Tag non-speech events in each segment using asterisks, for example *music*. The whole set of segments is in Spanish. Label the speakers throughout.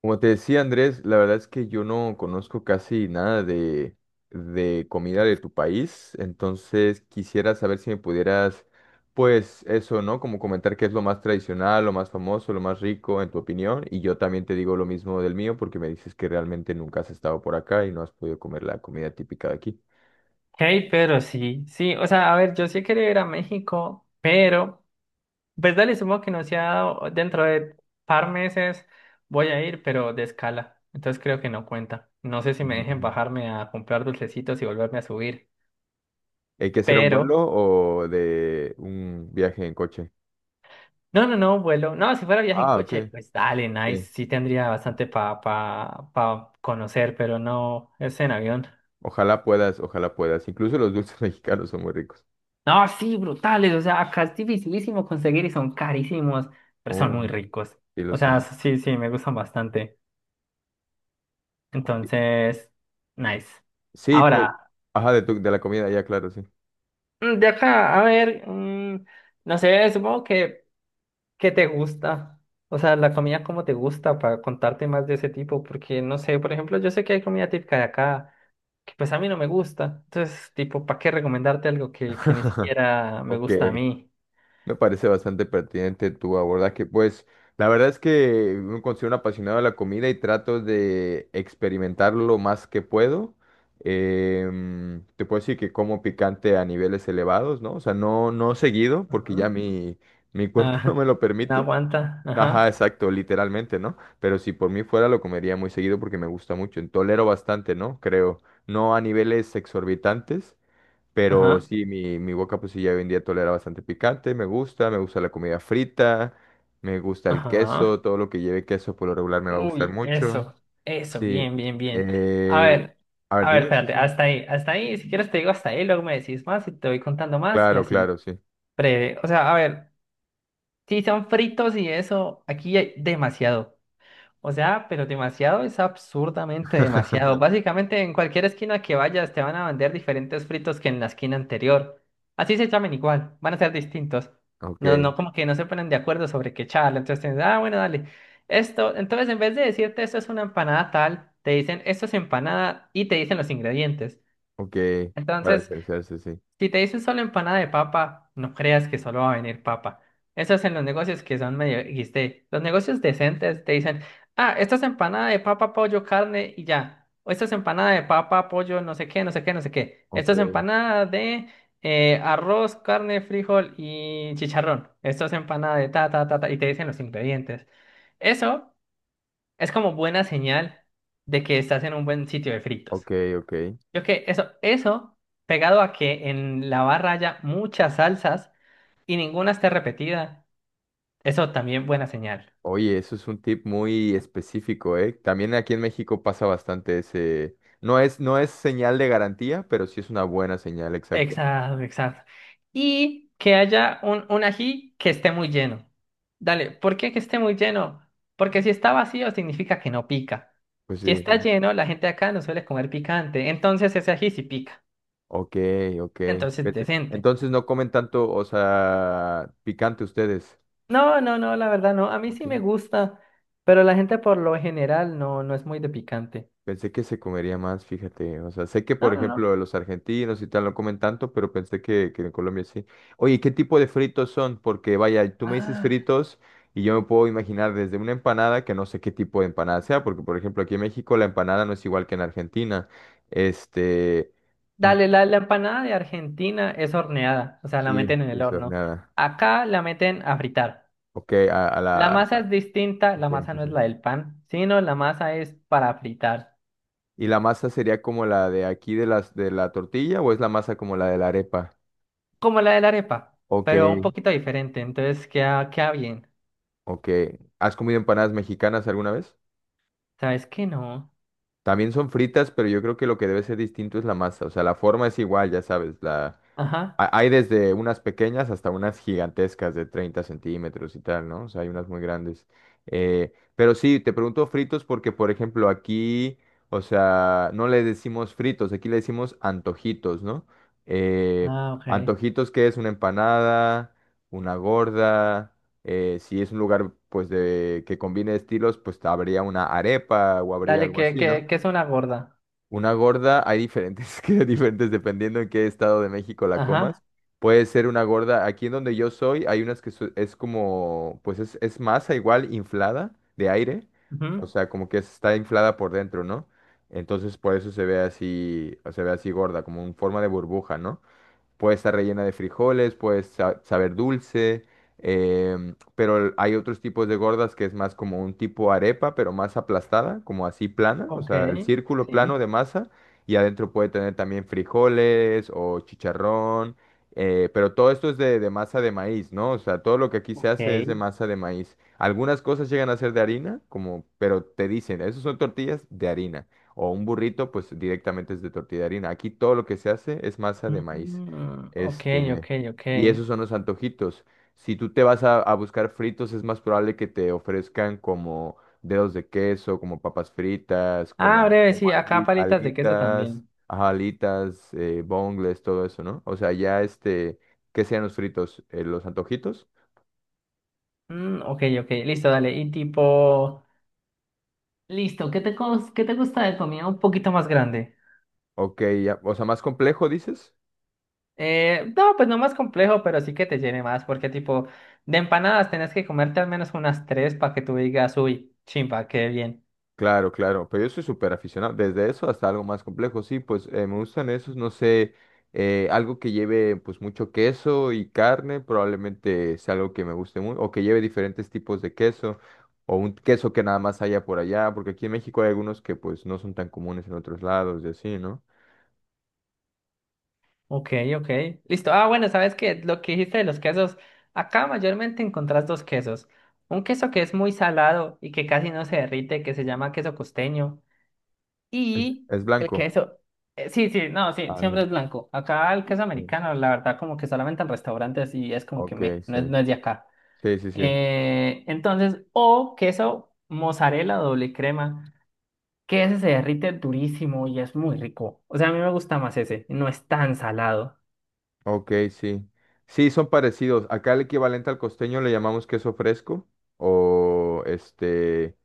Speaker 1: Como te decía Andrés, la verdad es que yo no conozco casi nada de comida de tu país, entonces quisiera saber si me pudieras, pues eso, ¿no? Como comentar qué es lo más tradicional, lo más famoso, lo más rico en tu opinión, y yo también te digo lo mismo del mío porque me dices que realmente nunca has estado por acá y no has podido comer la comida típica de aquí.
Speaker 2: Hey, pero sí, sí, o sea, a ver, yo sí quería ir a México, pero, pues dale, supongo que no se ha dado, dentro de par meses voy a ir, pero de escala, entonces creo que no cuenta. No sé si me
Speaker 1: Ujú,
Speaker 2: dejen
Speaker 1: ujú.
Speaker 2: bajarme a comprar dulcecitos y volverme a subir,
Speaker 1: ¿Hay que hacer un
Speaker 2: pero,
Speaker 1: vuelo o de un viaje en coche?
Speaker 2: no, no, no, vuelo, no, si fuera viaje en
Speaker 1: Ah,
Speaker 2: coche,
Speaker 1: ok.
Speaker 2: pues dale, nice,
Speaker 1: Sí.
Speaker 2: sí tendría bastante para pa conocer, pero no, es en avión.
Speaker 1: Ojalá puedas, ojalá puedas. Incluso los dulces *laughs* mexicanos son muy ricos.
Speaker 2: No, sí, brutales. O sea, acá es dificilísimo conseguir y son carísimos, pero son
Speaker 1: Oh,
Speaker 2: muy ricos.
Speaker 1: sí lo
Speaker 2: O sea,
Speaker 1: son.
Speaker 2: sí, sí, me gustan bastante.
Speaker 1: Ok.
Speaker 2: Entonces, nice.
Speaker 1: Sí, pues,
Speaker 2: Ahora,
Speaker 1: ajá, de, de la comida, ya, claro, sí.
Speaker 2: de acá, a ver, no sé, supongo que te gusta. O sea, la comida como te gusta para contarte más de ese tipo, porque no sé, por ejemplo, yo sé que hay comida típica de acá que pues a mí no me gusta. Entonces, tipo, ¿para qué recomendarte algo que ni siquiera me
Speaker 1: Ok,
Speaker 2: gusta a mí?
Speaker 1: me parece bastante pertinente tu abordaje. Pues, la verdad es que me considero un apasionado de la comida y trato de experimentar lo más que puedo. Te puedo decir que como picante a niveles elevados, ¿no? O sea, no seguido, porque ya
Speaker 2: Ajá.
Speaker 1: mi cuerpo *laughs* no
Speaker 2: Ah,
Speaker 1: me lo
Speaker 2: *laughs*
Speaker 1: permite.
Speaker 2: aguanta.
Speaker 1: Ajá,
Speaker 2: Ajá,
Speaker 1: exacto, literalmente, ¿no? Pero si por mí fuera lo comería muy seguido porque me gusta mucho. Tolero bastante, ¿no? Creo. No a niveles exorbitantes, pero
Speaker 2: ajá,
Speaker 1: sí, mi boca pues sí ya hoy en día tolera bastante picante, me gusta la comida frita, me gusta el
Speaker 2: ajá.
Speaker 1: queso, todo lo que lleve queso por lo regular me va a gustar
Speaker 2: Uy,
Speaker 1: mucho.
Speaker 2: eso,
Speaker 1: Sí.
Speaker 2: bien, bien, bien. A
Speaker 1: Eh,
Speaker 2: ver,
Speaker 1: a ver,
Speaker 2: a ver,
Speaker 1: dime, sí,
Speaker 2: espérate,
Speaker 1: sí.
Speaker 2: hasta ahí, si quieres te digo hasta ahí, luego me decís más y te voy contando más y
Speaker 1: Claro,
Speaker 2: así,
Speaker 1: claro, sí.
Speaker 2: breve. O sea, a ver, si son fritos y eso, aquí hay demasiado. O sea, pero demasiado es absurdamente demasiado.
Speaker 1: *laughs*
Speaker 2: Básicamente en cualquier esquina que vayas te van a vender diferentes fritos que en la esquina anterior. Así se llamen igual, van a ser distintos.
Speaker 1: Ok,
Speaker 2: No, no, como que no se ponen de acuerdo sobre qué charla. Entonces tienes, ah, bueno, dale. Esto, entonces en vez de decirte esto es una empanada tal, te dicen esto es empanada y te dicen los ingredientes.
Speaker 1: ok, para
Speaker 2: Entonces
Speaker 1: diferenciarse, sí.
Speaker 2: si te dicen solo empanada de papa, no creas que solo va a venir papa. Eso es en los negocios que son medio XD. Los negocios decentes te dicen, ah, esta es empanada de papa, pollo, carne y ya. O esta es empanada de papa, pollo, no sé qué, no sé qué, no sé qué.
Speaker 1: Ok,
Speaker 2: Esta es empanada de arroz, carne, frijol y chicharrón. Esto es empanada de ta, ta, ta, ta. Y te dicen los ingredientes. Eso es como buena señal de que estás en un buen sitio de
Speaker 1: ok,
Speaker 2: fritos.
Speaker 1: ok.
Speaker 2: Yo que eso, pegado a que en la barra haya muchas salsas y ninguna esté repetida, eso también buena señal.
Speaker 1: Oye, eso es un tip muy específico, ¿eh? También aquí en México pasa bastante ese... No es, no es señal de garantía, pero sí es una buena señal, exacto.
Speaker 2: Exacto, exacto. Y que haya un ají que esté muy lleno. Dale, ¿por qué que esté muy lleno? Porque si está vacío significa que no pica.
Speaker 1: Pues
Speaker 2: Si
Speaker 1: sí,
Speaker 2: está
Speaker 1: sí.
Speaker 2: lleno, la gente de acá no suele comer picante, entonces ese ají sí pica.
Speaker 1: Ok, ok.
Speaker 2: Entonces,
Speaker 1: Vete.
Speaker 2: decente.
Speaker 1: Entonces no comen tanto, o sea, picante ustedes.
Speaker 2: No, no, no, la verdad no. A mí
Speaker 1: Ok.
Speaker 2: sí me gusta, pero la gente por lo general no, no es muy de picante.
Speaker 1: Pensé que se comería más, fíjate. O sea, sé que,
Speaker 2: No,
Speaker 1: por
Speaker 2: no, no.
Speaker 1: ejemplo, los argentinos y tal no comen tanto, pero pensé que en Colombia sí. Oye, ¿qué tipo de fritos son? Porque, vaya, tú me dices
Speaker 2: Ah,
Speaker 1: fritos y yo me puedo imaginar desde una empanada, que no sé qué tipo de empanada sea, porque, por ejemplo, aquí en México la empanada no es igual que en Argentina. Este, ni-
Speaker 2: dale, la empanada de Argentina es horneada, o sea, la
Speaker 1: sí,
Speaker 2: meten en
Speaker 1: sí,
Speaker 2: el
Speaker 1: es
Speaker 2: horno.
Speaker 1: horneada.
Speaker 2: Acá la meten a fritar.
Speaker 1: Ok, a la...
Speaker 2: La masa es distinta, la
Speaker 1: ok,
Speaker 2: masa
Speaker 1: sí,
Speaker 2: no es
Speaker 1: sí.
Speaker 2: la del pan, sino la masa es para fritar,
Speaker 1: ¿Y la masa sería como la de aquí de las de la tortilla o es la masa como la de la arepa?
Speaker 2: como la de la arepa,
Speaker 1: Ok,
Speaker 2: pero un poquito diferente, entonces queda, queda bien.
Speaker 1: ok. ¿Has comido empanadas mexicanas alguna vez?
Speaker 2: ¿Sabes qué no?
Speaker 1: También son fritas, pero yo creo que lo que debe ser distinto es la masa. O sea, la forma es igual, ya sabes,
Speaker 2: Ajá.
Speaker 1: hay desde unas pequeñas hasta unas gigantescas de 30 centímetros y tal, ¿no? O sea, hay unas muy grandes. Pero sí, te pregunto fritos porque, por ejemplo, aquí, o sea, no le decimos fritos, aquí le decimos antojitos, ¿no? Eh,
Speaker 2: Ah, ok.
Speaker 1: Antojitos que es una empanada, una gorda, si es un lugar, pues, de que combine estilos, pues habría una arepa o habría
Speaker 2: Dale,
Speaker 1: algo
Speaker 2: que,
Speaker 1: así, ¿no?
Speaker 2: que, que es una gorda.
Speaker 1: Una gorda, hay diferentes, *laughs* que diferentes dependiendo en qué estado de México la comas.
Speaker 2: Ajá.
Speaker 1: Puede ser una gorda, aquí en donde yo soy, hay unas que es como, pues es masa igual inflada de aire, o
Speaker 2: Ujú.
Speaker 1: sea, como que está inflada por dentro, ¿no? Entonces por eso se ve así gorda, como en forma de burbuja, ¿no? Puede estar rellena de frijoles, puede saber dulce, em, pero hay otros tipos de gordas que es más como un tipo arepa, pero más aplastada, como así plana, o
Speaker 2: Ok.
Speaker 1: sea, el círculo plano
Speaker 2: Sí.
Speaker 1: de masa, y adentro puede tener también frijoles o chicharrón, pero todo esto es de masa de maíz, ¿no? O sea, todo lo que aquí se
Speaker 2: Ok.
Speaker 1: hace es de masa de maíz. Algunas cosas llegan a ser de harina, como, pero te dicen, esos son tortillas de harina. O un burrito, pues directamente es de tortilla de harina. Aquí todo lo que se hace es masa de maíz.
Speaker 2: Mm, ok, ok,
Speaker 1: Este,
Speaker 2: ok.
Speaker 1: y esos son los antojitos. Si tú te vas a buscar fritos, es más probable que te ofrezcan como dedos de queso, como papas fritas, como,
Speaker 2: Ah, breve, sí, acá palitas de queso
Speaker 1: alitas,
Speaker 2: también.
Speaker 1: ajá, alitas, bongles, todo eso, ¿no? O sea, ya este, ¿qué sean los fritos? ¿Los antojitos?
Speaker 2: Mm, ok, ok, listo, dale. Y tipo, listo, ¿qué te, cos- qué te gusta de comida un poquito más grande?
Speaker 1: Ok, ya, o sea, más complejo, dices.
Speaker 2: No, pues no más complejo, pero sí que te llene más, porque tipo, de empanadas tenés que comerte al menos unas tres para que tú digas, uy, chimpa, qué bien.
Speaker 1: Claro, claro, pero yo soy súper aficionado, desde eso hasta algo más complejo, sí, pues me gustan esos, no sé, algo que lleve pues mucho queso y carne, probablemente sea algo que me guste mucho, o que lleve diferentes tipos de queso, o un queso que nada más haya por allá, porque aquí en México hay algunos que pues no son tan comunes en otros lados y así, ¿no?
Speaker 2: Ok, ok, listo. Ah, bueno, ¿sabes qué? Lo que dijiste de los quesos, acá mayormente encontrás dos quesos. Un queso que es muy salado y que casi no se derrite, que se llama queso costeño. Y
Speaker 1: Es
Speaker 2: el
Speaker 1: blanco.
Speaker 2: queso, sí, sí, no, sí,
Speaker 1: Ah,
Speaker 2: siempre
Speaker 1: sí,
Speaker 2: es blanco. Acá el queso
Speaker 1: sí.
Speaker 2: americano, la verdad, como que solamente en restaurantes y es como que
Speaker 1: Ok,
Speaker 2: me, no es,
Speaker 1: sí,
Speaker 2: no es de acá.
Speaker 1: sí, sí, sí,
Speaker 2: Entonces, o queso mozzarella doble crema, que ese se derrite durísimo y es muy rico. O sea, a mí me gusta más ese, no es tan salado.
Speaker 1: ok, sí. Sí, son parecidos, acá el equivalente al costeño le llamamos queso fresco, o este...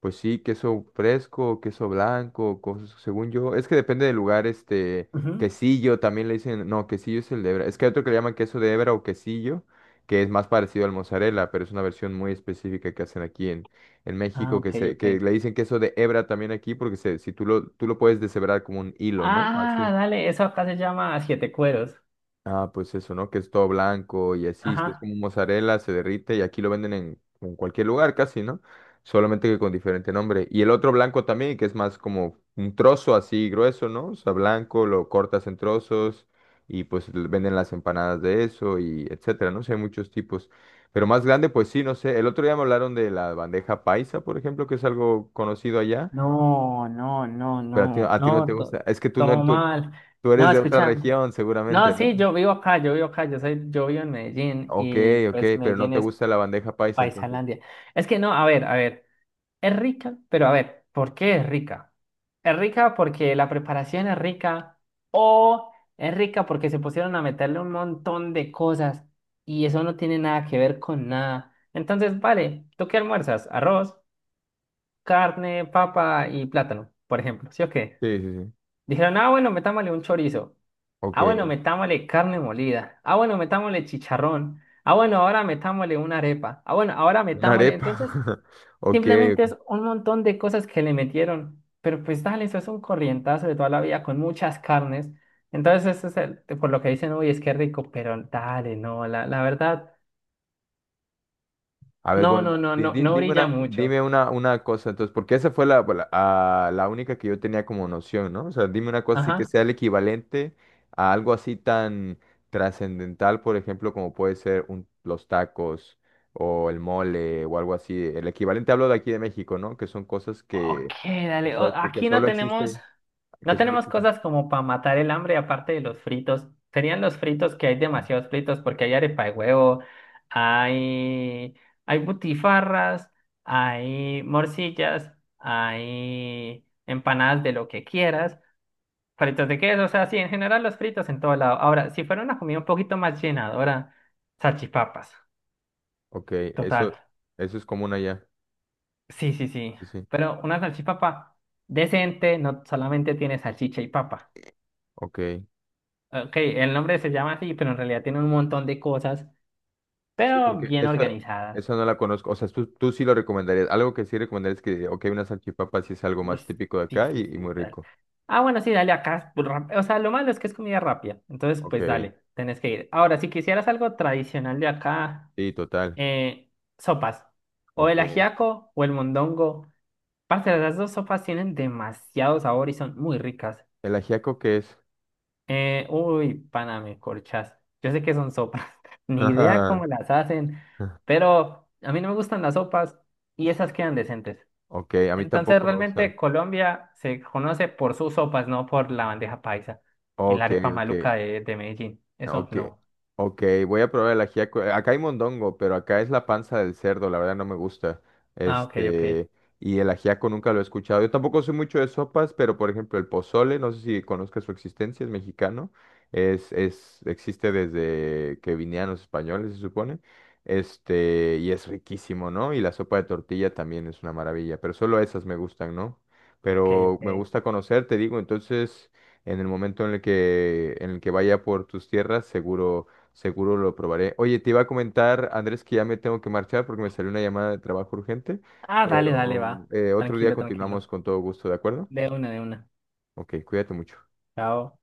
Speaker 1: Pues sí, queso fresco, queso blanco, cosas, según yo. Es que depende del lugar, este,
Speaker 2: Ujú.
Speaker 1: quesillo también le dicen, no, quesillo es el de hebra. Es que hay otro que le llaman queso de hebra o quesillo, que es más parecido al mozzarella, pero es una versión muy específica que hacen aquí en
Speaker 2: Ah,
Speaker 1: México, que
Speaker 2: ok,
Speaker 1: se,
Speaker 2: ok.
Speaker 1: que le dicen queso de hebra también aquí, porque se, si tú lo, tú lo puedes deshebrar como un hilo, ¿no?
Speaker 2: Ah,
Speaker 1: Así.
Speaker 2: dale, eso acá se llama siete cueros.
Speaker 1: Ah, pues eso, ¿no? Que es todo blanco y así, si es
Speaker 2: Ajá.
Speaker 1: como mozzarella, se derrite y aquí lo venden en cualquier lugar casi, ¿no? Solamente que con diferente nombre. Y el otro blanco también, que es más como un trozo así grueso, ¿no? O sea, blanco, lo cortas en trozos y pues venden las empanadas de eso y etcétera, ¿no? Sé, hay muchos tipos. Pero más grande, pues sí, no sé. El otro día me hablaron de la bandeja paisa, por ejemplo, que es algo conocido allá,
Speaker 2: No, no, no,
Speaker 1: pero
Speaker 2: no,
Speaker 1: a ti no
Speaker 2: no,
Speaker 1: te gusta.
Speaker 2: to-
Speaker 1: Es que tú no,
Speaker 2: todo
Speaker 1: tú,
Speaker 2: mal.
Speaker 1: tú eres
Speaker 2: No,
Speaker 1: de otra
Speaker 2: escúchame.
Speaker 1: región,
Speaker 2: No,
Speaker 1: seguramente, ¿no?
Speaker 2: sí, yo vivo acá, yo vivo acá, yo soy, yo vivo en Medellín
Speaker 1: Ok,
Speaker 2: y
Speaker 1: ok,
Speaker 2: pues
Speaker 1: pero no
Speaker 2: Medellín
Speaker 1: te
Speaker 2: es
Speaker 1: gusta la bandeja paisa, entonces.
Speaker 2: paisalandia. Es que no, a ver, es rica, pero a ver, ¿por qué es rica? Es rica porque la preparación es rica o es rica porque se pusieron a meterle un montón de cosas y eso no tiene nada que ver con nada. Entonces, vale, ¿tú qué almuerzas? Arroz carne, papa y plátano, por ejemplo, ¿sí o qué?
Speaker 1: Sí, sí, sí.
Speaker 2: Dijeron, ah, bueno, metámosle un chorizo.
Speaker 1: Ok,
Speaker 2: Ah, bueno, metámosle carne molida. Ah, bueno, metámosle chicharrón. Ah, bueno, ahora metámosle una arepa. Ah, bueno, ahora
Speaker 1: una
Speaker 2: metámosle.
Speaker 1: arepa.
Speaker 2: Entonces,
Speaker 1: *laughs* Ok,
Speaker 2: simplemente es un montón de cosas que le metieron. Pero pues dale, eso es un corrientazo de toda la vida con muchas carnes. Entonces, eso es el- por lo que dicen, uy, es que rico, pero dale, no, la verdad,
Speaker 1: a ver,
Speaker 2: no,
Speaker 1: bueno,
Speaker 2: no, no, no, no
Speaker 1: dime
Speaker 2: brilla
Speaker 1: una,
Speaker 2: mucho.
Speaker 1: una cosa, entonces, porque esa fue la única que yo tenía como noción, ¿no? O sea, dime una cosa así que
Speaker 2: Ajá.
Speaker 1: sea el equivalente a algo así tan trascendental, por ejemplo, como puede ser los tacos o el mole o algo así. El equivalente hablo de aquí de México, ¿no? Que son cosas
Speaker 2: Ok,
Speaker 1: que,
Speaker 2: dale. O-
Speaker 1: que
Speaker 2: Aquí no
Speaker 1: solo
Speaker 2: tenemos,
Speaker 1: existe, que
Speaker 2: no
Speaker 1: solo
Speaker 2: tenemos
Speaker 1: existe.
Speaker 2: cosas como para matar el hambre, aparte de los fritos. Serían los fritos que hay demasiados fritos porque hay arepa de huevo, hay, hay butifarras, hay morcillas, hay empanadas de lo que quieras, fritos de queso, o sea, sí, en general los fritos en todo lado. Ahora, si fuera una comida un poquito más llenadora, salchipapas,
Speaker 1: Ok,
Speaker 2: total.
Speaker 1: eso es común allá.
Speaker 2: Sí, sí, sí.
Speaker 1: Sí, sí.
Speaker 2: Pero una salchipapa decente no solamente tiene salchicha y papa.
Speaker 1: Ok.
Speaker 2: Ok, el nombre se llama así, pero en realidad tiene un montón de cosas,
Speaker 1: Sí,
Speaker 2: pero
Speaker 1: porque
Speaker 2: bien
Speaker 1: esa,
Speaker 2: organizadas.
Speaker 1: esa no la conozco. O sea, tú sí lo recomendarías. Algo que sí recomendarías es que, ok, una salchipapa sí es algo
Speaker 2: Uy,
Speaker 1: más típico de
Speaker 2: sí,
Speaker 1: acá
Speaker 2: sí,
Speaker 1: y
Speaker 2: sí,
Speaker 1: muy
Speaker 2: dale.
Speaker 1: rico.
Speaker 2: Ah, bueno, sí, dale acá. Pues, rap- o sea, lo malo es que es comida rápida. Entonces, pues
Speaker 1: Ok.
Speaker 2: dale, tenés que ir. Ahora, si quisieras algo tradicional de acá,
Speaker 1: Sí, total.
Speaker 2: eh, sopas. O el
Speaker 1: Ok.
Speaker 2: ajiaco o el mondongo. Parce, las dos sopas tienen demasiado sabor y son muy ricas.
Speaker 1: ¿El ajiaco qué es?
Speaker 2: Uy, pana, me corchas. Yo sé que son sopas. *laughs* Ni idea
Speaker 1: *laughs*
Speaker 2: cómo las hacen, pero a mí no me gustan las sopas y esas quedan decentes.
Speaker 1: Ok, a mí
Speaker 2: Entonces,
Speaker 1: tampoco me gustan.
Speaker 2: realmente Colombia se conoce por sus sopas, no por la bandeja paisa y la
Speaker 1: Ok,
Speaker 2: arepa
Speaker 1: ok.
Speaker 2: maluca de Medellín.
Speaker 1: Ah,
Speaker 2: Eso
Speaker 1: ok,
Speaker 2: no.
Speaker 1: ok, voy a probar el ajiaco. Acá hay mondongo, pero acá es la panza del cerdo, la verdad no me gusta.
Speaker 2: Ah, ok, ok.
Speaker 1: Este, y el ajiaco nunca lo he escuchado. Yo tampoco soy mucho de sopas, pero por ejemplo el pozole, no sé si conozcas su existencia, es mexicano. Existe desde que vinieron los españoles, se supone. Este, y es riquísimo, ¿no? Y la sopa de tortilla también es una maravilla, pero solo esas me gustan, ¿no?
Speaker 2: Ok,
Speaker 1: Pero me
Speaker 2: ok.
Speaker 1: gusta conocer, te digo, entonces... En el momento en el que vaya por tus tierras, seguro, seguro lo probaré. Oye, te iba a comentar, Andrés, que ya me tengo que marchar porque me salió una llamada de trabajo urgente,
Speaker 2: Ah, dale, dale,
Speaker 1: pero
Speaker 2: va.
Speaker 1: otro día
Speaker 2: Tranquilo,
Speaker 1: continuamos
Speaker 2: tranquilo.
Speaker 1: con todo gusto, ¿de acuerdo?
Speaker 2: De una, de una.
Speaker 1: Ok, cuídate mucho.
Speaker 2: Chao.